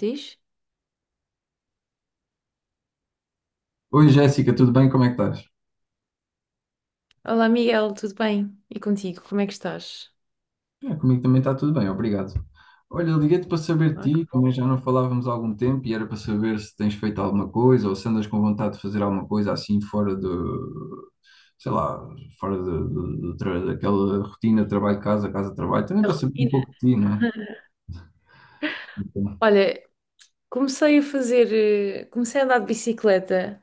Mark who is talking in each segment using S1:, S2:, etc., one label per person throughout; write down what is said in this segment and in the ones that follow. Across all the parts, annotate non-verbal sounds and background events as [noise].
S1: Diz?
S2: Oi Jéssica, tudo bem? Como é que estás?
S1: Olá, Miguel, tudo bem? E contigo, como é que estás?
S2: Ah, comigo também está tudo bem, obrigado. Olha, liguei-te para saber
S1: Ah, que
S2: de ti, também
S1: bom.
S2: já não falávamos há algum tempo e era para saber se tens feito alguma coisa ou se andas com vontade de fazer alguma coisa assim fora de, sei lá, fora de daquela rotina trabalho-casa, casa-trabalho, também
S1: A
S2: para saber um
S1: rotina.
S2: pouco de ti, não é? Então,
S1: Olha, comecei a andar de bicicleta,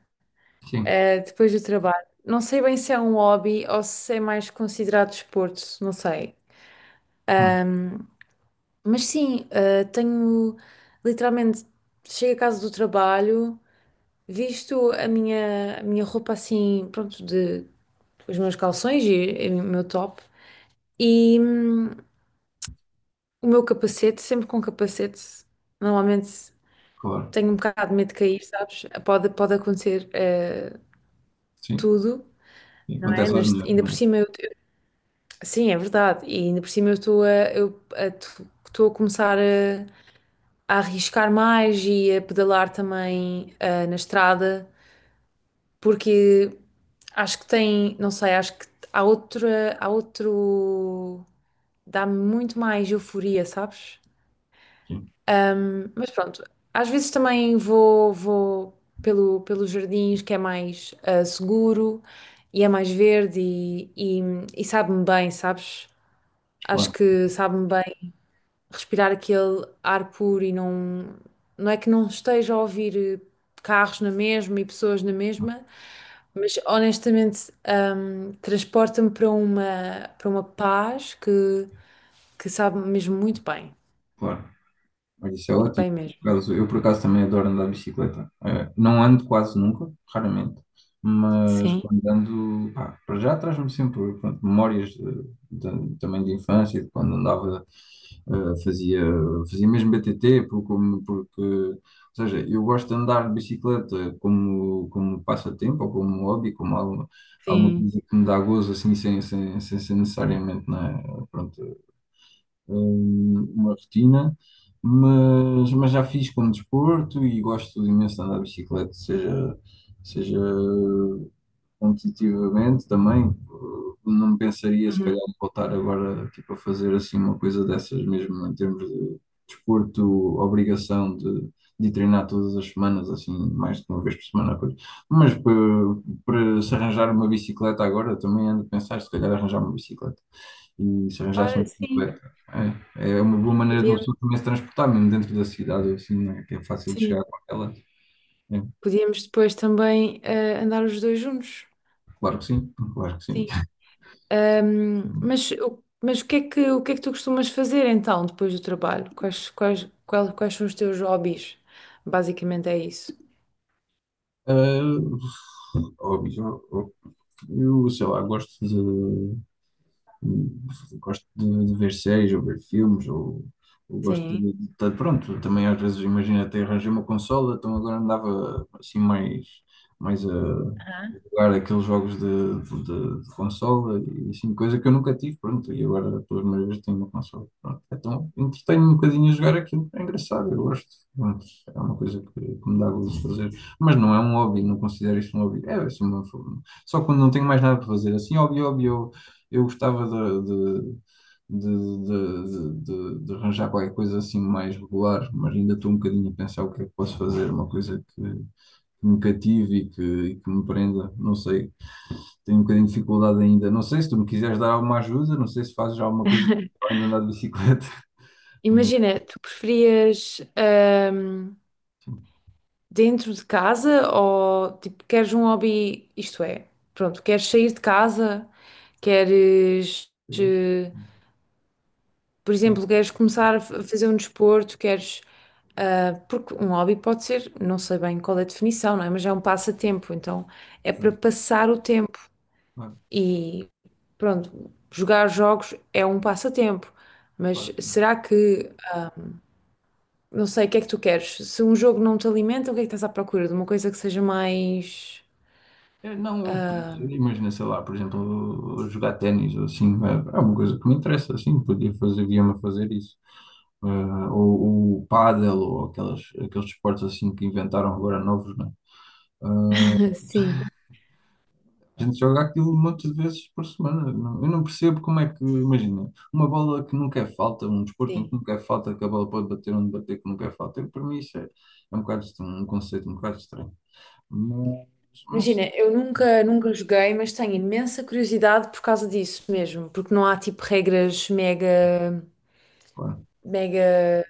S2: sim,
S1: depois do trabalho. Não sei bem se é um hobby ou se é mais considerado desporto, não sei.
S2: hum,
S1: Ahm, mas sim, tenho literalmente chego a casa do trabalho, visto a minha roupa assim, pronto, de os meus calções e o meu top. E, o meu capacete, sempre com capacete, normalmente
S2: claro,
S1: tenho um bocado de medo de cair, sabes? Pode acontecer
S2: sim,
S1: tudo,
S2: sim,
S1: não é?
S2: acontece às mulheres,
S1: Ainda
S2: não
S1: por
S2: é?
S1: cima sim, é verdade. E ainda por cima eu estou a, eu a- estou a começar a arriscar mais e a pedalar também na estrada, porque não sei, acho que há outra, há outro, dá-me muito mais euforia, sabes?
S2: Sim,
S1: Mas pronto, às vezes também vou pelos jardins, que é mais seguro e é mais verde e, e sabe-me bem, sabes? Acho
S2: claro,
S1: que sabe-me bem respirar aquele ar puro e não é que não esteja a ouvir carros na mesma e pessoas na mesma, mas honestamente transporta-me para uma paz que sabe mesmo
S2: claro. Olha, isso é
S1: muito
S2: ótimo.
S1: bem
S2: Por
S1: mesmo.
S2: acaso, eu, por acaso, também adoro andar de bicicleta. Não ando quase nunca, raramente, mas
S1: Sim,
S2: quando ando, pá, para já traz-me sempre, pronto, memórias também de infância, de quando andava, eh, fazia, fazia mesmo BTT, porque, ou seja, eu gosto de andar de bicicleta como, como passatempo ou como hobby, como alguma
S1: sim.
S2: coisa que me dá gozo, assim, sem ser necessariamente, né, pronto, uma rotina, mas já fiz como desporto e gosto imenso de andar de bicicleta, seja competitivamente também. Não pensaria, se calhar, em voltar agora, tipo, a fazer assim uma coisa dessas, mesmo em termos de desporto, obrigação de treinar todas as semanas, assim, mais de uma vez por semana. Pois. Mas para, para se arranjar uma bicicleta agora, também ando a pensar, se calhar, arranjar uma bicicleta e se arranjasse
S1: Olha,
S2: uma bicicleta. É, é uma boa maneira de uma
S1: podíamos,
S2: pessoa também se transportar, mesmo dentro da cidade, assim, né, que é fácil de
S1: sim.
S2: chegar com ela. É,
S1: Podíamos depois também andar os dois juntos.
S2: claro que sim, claro que sim.
S1: Sim. Ahm,
S2: [laughs]
S1: mas, o- mas o que é que tu costumas fazer então, depois do trabalho? Quais são os teus hobbies? Basicamente é isso.
S2: Ah, Hobbies, eu sei lá, gosto gosto de ver séries ou ver filmes ou gosto
S1: Sim.
S2: pronto, também às vezes, imagina, até arranjei uma consola, então agora andava assim mais a jogar
S1: Aham.
S2: aqueles jogos de consola e assim, coisa que eu nunca tive, pronto, e agora pelas primeiras vezes tenho uma consola, pronto, então entretenho um bocadinho a jogar aquilo, é engraçado, eu gosto, pronto, é uma coisa que me dá gosto de fazer, mas não é um hobby, não considero isso um hobby, é assim, uma forma. Só quando não tenho mais nada para fazer. Assim, hobby, hobby, eu gostava de- de arranjar qualquer coisa assim mais regular, mas ainda estou um bocadinho a pensar o que é que posso fazer, uma coisa que me cative e que me prenda, não sei. Tenho um bocadinho de dificuldade ainda. Não sei se tu me quiseres dar alguma ajuda, não sei se fazes já alguma coisa para além de andar de bicicleta. [laughs] Mas,
S1: Imagina, tu preferias,
S2: sim,
S1: dentro de casa ou tipo, queres um hobby, isto é, pronto, queres sair de casa, queres.
S2: é isso.
S1: eh, Por
S2: Sim,
S1: exemplo, queres começar a fazer um desporto, queres. Porque um hobby pode ser, não sei bem qual é a definição, não é? Mas é um passatempo, então é para passar o tempo.
S2: claro,
S1: E pronto, jogar jogos é um passatempo. Mas
S2: claro que sim.
S1: será que, não sei, o que é que tu queres? Se um jogo não te alimenta, o que é que estás à procura? De uma coisa que seja mais.
S2: É, não, eu podia, imagina, sei lá, por exemplo, jogar ténis ou assim, é, é uma coisa que me interessa, assim, podia fazer, via-me a fazer isso. Ou o pádel, ou aqueles esportes assim que inventaram agora novos, né?
S1: [laughs] Sim,
S2: A gente joga aquilo um monte de vezes por semana. Não, eu não percebo como é que, imagina, uma bola que nunca é falta, um desporto em que
S1: sim.
S2: nunca é falta, que a bola pode bater onde bater, que nunca é falta. Eu, para mim, isso é, é um bocado estranho, um conceito um bocado estranho. Mas, mas,
S1: Imagina, eu nunca joguei, mas tenho imensa curiosidade por causa disso mesmo, porque não há tipo regras mega.
S2: Pá,
S1: Mega,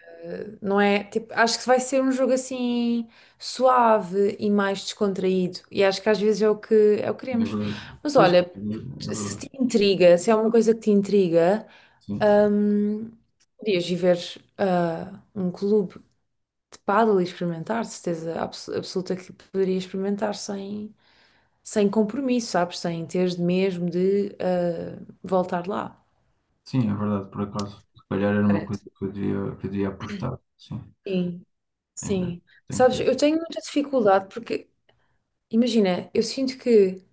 S1: não é? Tipo, acho que vai ser um jogo assim suave e mais descontraído. E acho que às vezes é o que
S2: é
S1: queremos.
S2: verdade.
S1: Mas
S2: Pois, é
S1: olha, se
S2: verdade.
S1: te intriga, se é uma coisa que te intriga,
S2: Sim,
S1: hum, podias ir ver um clube de pádel e experimentar, de certeza absoluta que poderias experimentar sem compromisso, sabes? Sem teres de mesmo de voltar lá.
S2: sim, é verdade, por acaso. Se calhar era uma
S1: Parece.
S2: coisa que eu devia apostar. Sim,
S1: Sim,
S2: ainda
S1: sim.
S2: tenho que
S1: Sabes,
S2: ver.
S1: eu tenho muita dificuldade porque, imagina, eu sinto que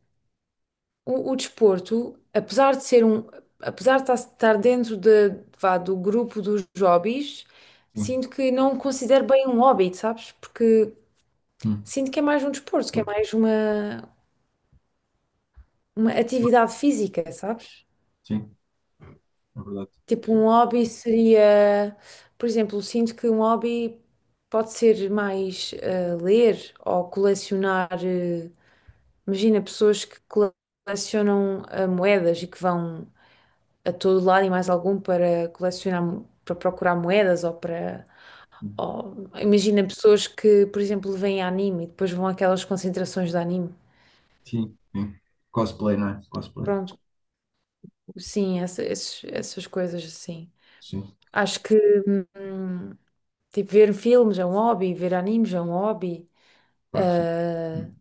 S1: o desporto, apesar de estar dentro de, vá, do grupo dos hobbies,
S2: Sim.
S1: sinto que não o considero bem um hobby, sabes? Porque
S2: Hum.
S1: sinto que é mais um desporto, que é
S2: É.
S1: mais uma atividade física, sabes?
S2: Sim, é verdade.
S1: Tipo, um hobby seria, por exemplo, sinto que um hobby pode ser mais, ler ou colecionar. Imagina pessoas que colecionam moedas e que vão a todo lado e mais algum para colecionar, para procurar moedas ou para. Imagina pessoas que, por exemplo, veem anime e depois vão àquelas concentrações de anime.
S2: Sim, sim. Cosplay, não é? Cosplay.
S1: Pronto, sim, essas coisas assim.
S2: Sim,
S1: Acho que, hum, tipo, ver filmes é um hobby, ver animes é um hobby.
S2: claro que sim.
S1: ah,
S2: Hum.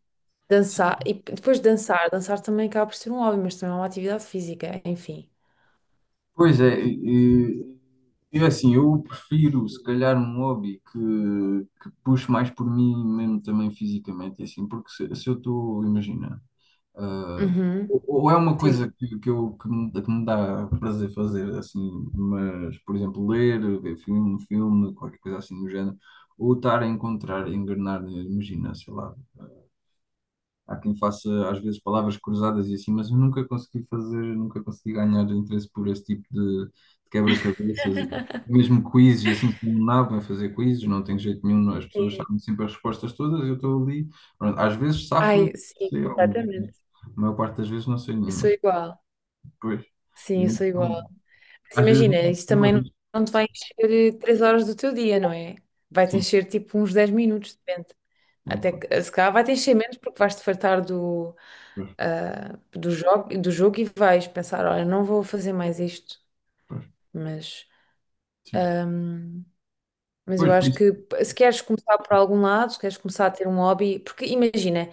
S2: Sim.
S1: e depois dançar também acaba por ser um hobby, mas também é uma atividade física, enfim.
S2: Pois é, e assim, eu prefiro, se calhar, um hobby que puxe mais por mim mesmo também fisicamente, e assim, porque se eu estou, imagina, ah,
S1: Uhum,
S2: ou é uma
S1: sim.
S2: coisa que me dá prazer fazer, assim, mas, por exemplo, ler, ver filme, um filme, qualquer coisa assim do género, ou estar a encontrar, engrenar, imagina, sei lá. Há quem faça às vezes palavras cruzadas e assim, mas eu nunca consegui fazer, nunca consegui ganhar interesse por esse tipo de quebra-cabeças e
S1: [laughs]
S2: mesmo quizzes e assim, sou um nabo em fazer quizzes, não tenho jeito nenhum, as pessoas
S1: Sim.
S2: sabem sempre as respostas todas, eu estou ali, pronto, às vezes safo-me,
S1: Ai, sim,
S2: sei algumas, mas
S1: completamente.
S2: a maior parte das vezes não sei
S1: Eu sou
S2: nenhuma.
S1: igual.
S2: Pois, e
S1: Sim, eu sou igual.
S2: então,
S1: Mas
S2: às vezes
S1: imagina,
S2: não,
S1: isso
S2: não
S1: também não
S2: arrisco.
S1: não te vai encher 3 horas do teu dia, não é? Vai-te
S2: Sim,
S1: encher tipo uns 10 minutos, depende.
S2: tem
S1: Até
S2: claro.
S1: que, se calhar vai-te encher menos porque vais-te fartar do,
S2: Pois,
S1: ah, do, jogo, do jogo e vais pensar, olha, não vou fazer mais isto.
S2: pois,
S1: Mas,
S2: sim.
S1: ahm, mas eu
S2: Pois, por
S1: acho
S2: isso.
S1: que se queres começar por algum lado, se queres começar a ter um hobby, porque imagina,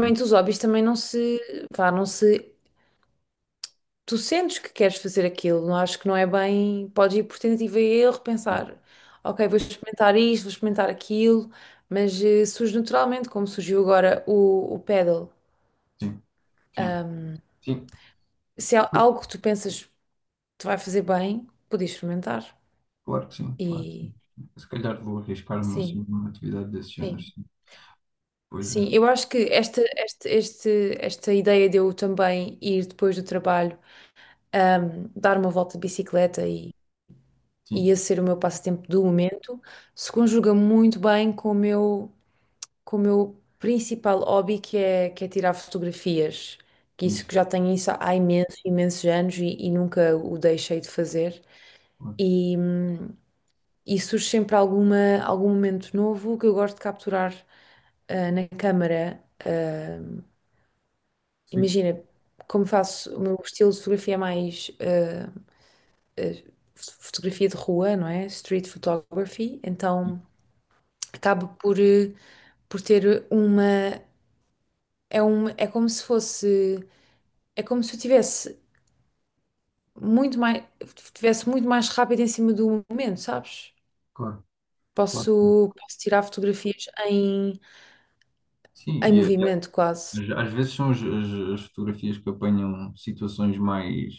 S2: Sim,
S1: os hobbies também não se, vá, não se, tu sentes que queres fazer aquilo, não acho que não é bem, podes ir por tentativa e erro, pensar, ok, vou experimentar isto, vou experimentar aquilo, mas, surge naturalmente, como surgiu agora o pedal.
S2: sim, sim.
S1: Ahm,
S2: Sim.
S1: Se há algo que tu pensas te vai fazer bem, podes experimentar.
S2: Claro que sim, claro que
S1: E
S2: sim. Se calhar vou arriscar-me
S1: sim,
S2: assim, numa atividade desse género,
S1: sim.
S2: sim. Pois é,
S1: Sim, eu acho que esta, esta ideia de eu também ir depois do trabalho, dar uma volta de bicicleta
S2: sim,
S1: e esse ser o meu passatempo do momento, se conjuga muito bem com o meu, principal hobby, que é tirar fotografias. Que isso
S2: isso,
S1: que já tenho isso há imensos, imensos anos e nunca o deixei de fazer.
S2: claro.
S1: E, hum, e surge sempre algum momento novo que eu gosto de capturar na câmara.
S2: Sim.
S1: Imagina, como faço, o meu estilo de fotografia é mais fotografia de rua, não é? Street photography.
S2: E,
S1: Então, acaba por ter uma é, uma. É como se fosse. É como se eu tivesse muito mais. Tivesse muito mais rápido em cima do momento, sabes?
S2: claro, claro que sim.
S1: Posso tirar fotografias em,
S2: Sim,
S1: em movimento quase.
S2: às às vezes são as fotografias que apanham situações mais,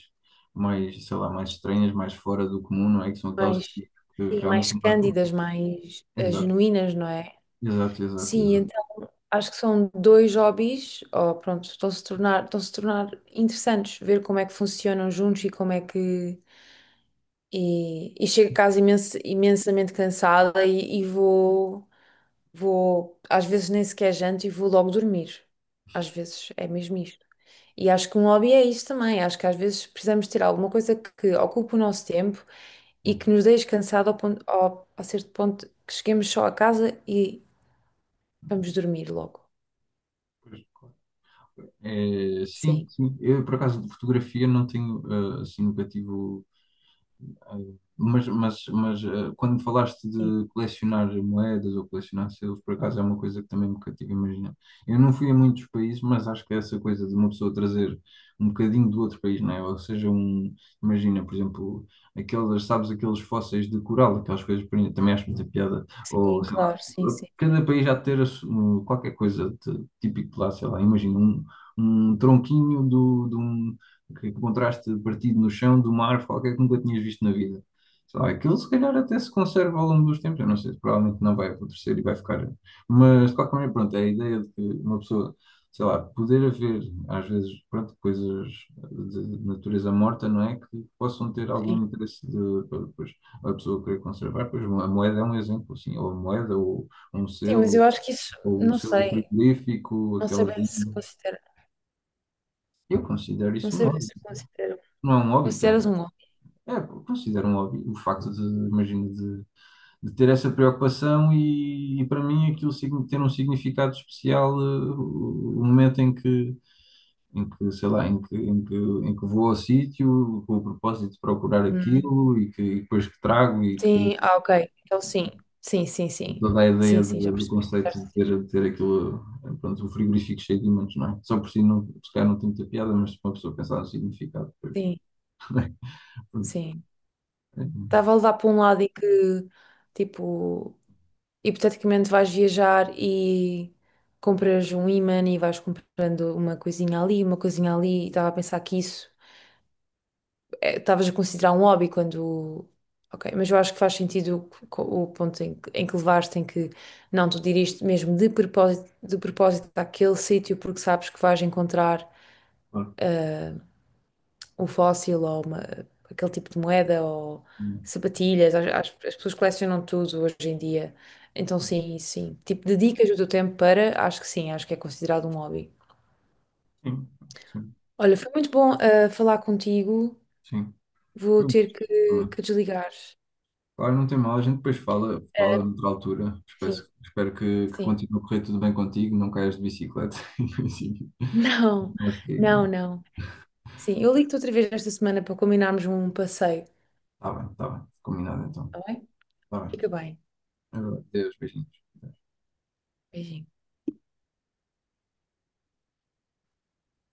S2: mais, sei lá, mais estranhas, mais fora do comum, não é? Que são aquelas
S1: Mais,
S2: que
S1: sim,
S2: realmente
S1: mais
S2: não marcam.
S1: cândidas, mais,
S2: Exato,
S1: genuínas, não é?
S2: exato, exato,
S1: Sim,
S2: exato.
S1: então acho que são dois hobbies, ou pronto, estão-se a tornar interessantes, ver como é que funcionam juntos e como é que, e chego a casa, imensamente cansada e, e às vezes nem sequer janto e vou logo dormir. Às vezes é mesmo isto. E acho que um hobby é isto também. Acho que às vezes precisamos ter alguma coisa que ocupe o nosso tempo e
S2: Sim,
S1: que nos deixe cansado a certo ponto que cheguemos só a casa e vamos dormir logo.
S2: pois, claro. É, sim,
S1: Sim,
S2: sim. Eu, por acaso, de fotografia não tenho, eh, assim, nunca tive. Quando falaste
S1: sim,
S2: de colecionar moedas ou colecionar selos, por acaso é uma coisa que também me cativa imaginar. Eu não fui a muitos países, mas acho que essa coisa de uma pessoa trazer um bocadinho do outro país, não é? Ou seja, um, imagina, por exemplo, aquelas, sabes, aqueles fósseis de coral, aquelas coisas, por exemplo, também acho muita piada. Ou,
S1: sim,
S2: sei lá,
S1: claro, sim, sim.
S2: cada país já ter um, qualquer coisa de- típico de lá, sei lá, imagina um, um tronquinho de um que encontraste partido no chão de uma árvore qualquer que nunca tinhas visto na vida. Sei lá, aquilo se calhar até se conserva ao longo dos tempos, eu não sei, provavelmente não vai acontecer e vai ficar. Mas de qualquer maneira, pronto, é a ideia de que uma pessoa, sei lá, poder haver às vezes, pronto, coisas de natureza morta, não é? Que possam ter
S1: Sim,
S2: algum interesse de, para depois a pessoa querer conservar. Pois a moeda é um exemplo, assim, ou a moeda, ou um
S1: sim, mas
S2: selo,
S1: eu acho que isso,
S2: ou o
S1: não
S2: selo
S1: sei,
S2: frigorífico,
S1: não sei
S2: aquelas
S1: bem se
S2: linhas.
S1: considera,
S2: Eu considero
S1: não
S2: isso um
S1: sei bem
S2: hobby.
S1: se considera,
S2: Não é um hobby, tá?
S1: consideras um hobby.
S2: É, considero um hobby o facto imagino, de ter essa preocupação e para mim aquilo signi- ter um significado especial, eh, o momento em que, sei lá, em que vou ao sítio com o propósito de procurar aquilo e que e depois que trago e que
S1: Sim, ah, ok. Então sim, sim, sim, sim.
S2: toda a
S1: Sim,
S2: ideia
S1: sim, já
S2: do, do
S1: percebi o que
S2: conceito
S1: estás a dizer.
S2: de ter aquilo, eh, pronto, o frigorífico cheio de ímãs, não é? Só por si não, se calhar não tem muita piada, mas se uma pessoa pensar no significado, depois,
S1: Sim,
S2: [laughs] pronto,
S1: sim.
S2: é,
S1: Estava a levar para um lado e que, tipo, hipoteticamente vais viajar e compras um imã e vais comprando uma coisinha ali, uma coisinha ali, e estava a pensar que isso é, estavas a considerar um hobby quando. Ok, mas eu acho que faz sentido o ponto, em que levaste, em que não, tu diriste mesmo de propósito àquele sítio porque sabes que vais encontrar
S2: claro,
S1: um fóssil ou aquele tipo de moeda ou sapatilhas. As pessoas colecionam tudo hoje em dia. Então, sim, sim. Tipo, dedicas o teu tempo para, acho que sim, acho que é considerado um hobby.
S2: sim, acho que sim.
S1: Olha, foi muito bom, falar contigo.
S2: Sim.
S1: Vou
S2: Foi muito
S1: ter
S2: gostoso
S1: que,
S2: também.
S1: que desligar.
S2: Claro, não tem mal, a gente depois fala, fala noutra altura. Espero,
S1: Sim,
S2: espero que
S1: sim. [laughs]
S2: continue a correr tudo bem contigo, não caias de bicicleta, [laughs] em princípio.
S1: Não,
S2: Não vais cair, não é?
S1: não, não. Sim, eu ligo-te outra vez esta semana para combinarmos um passeio,
S2: Tá bem, tá bem. Combinado então.
S1: tá bem?
S2: Tá bem.
S1: Fica bem.
S2: Agora, adeus, beijinhos.
S1: Beijinho.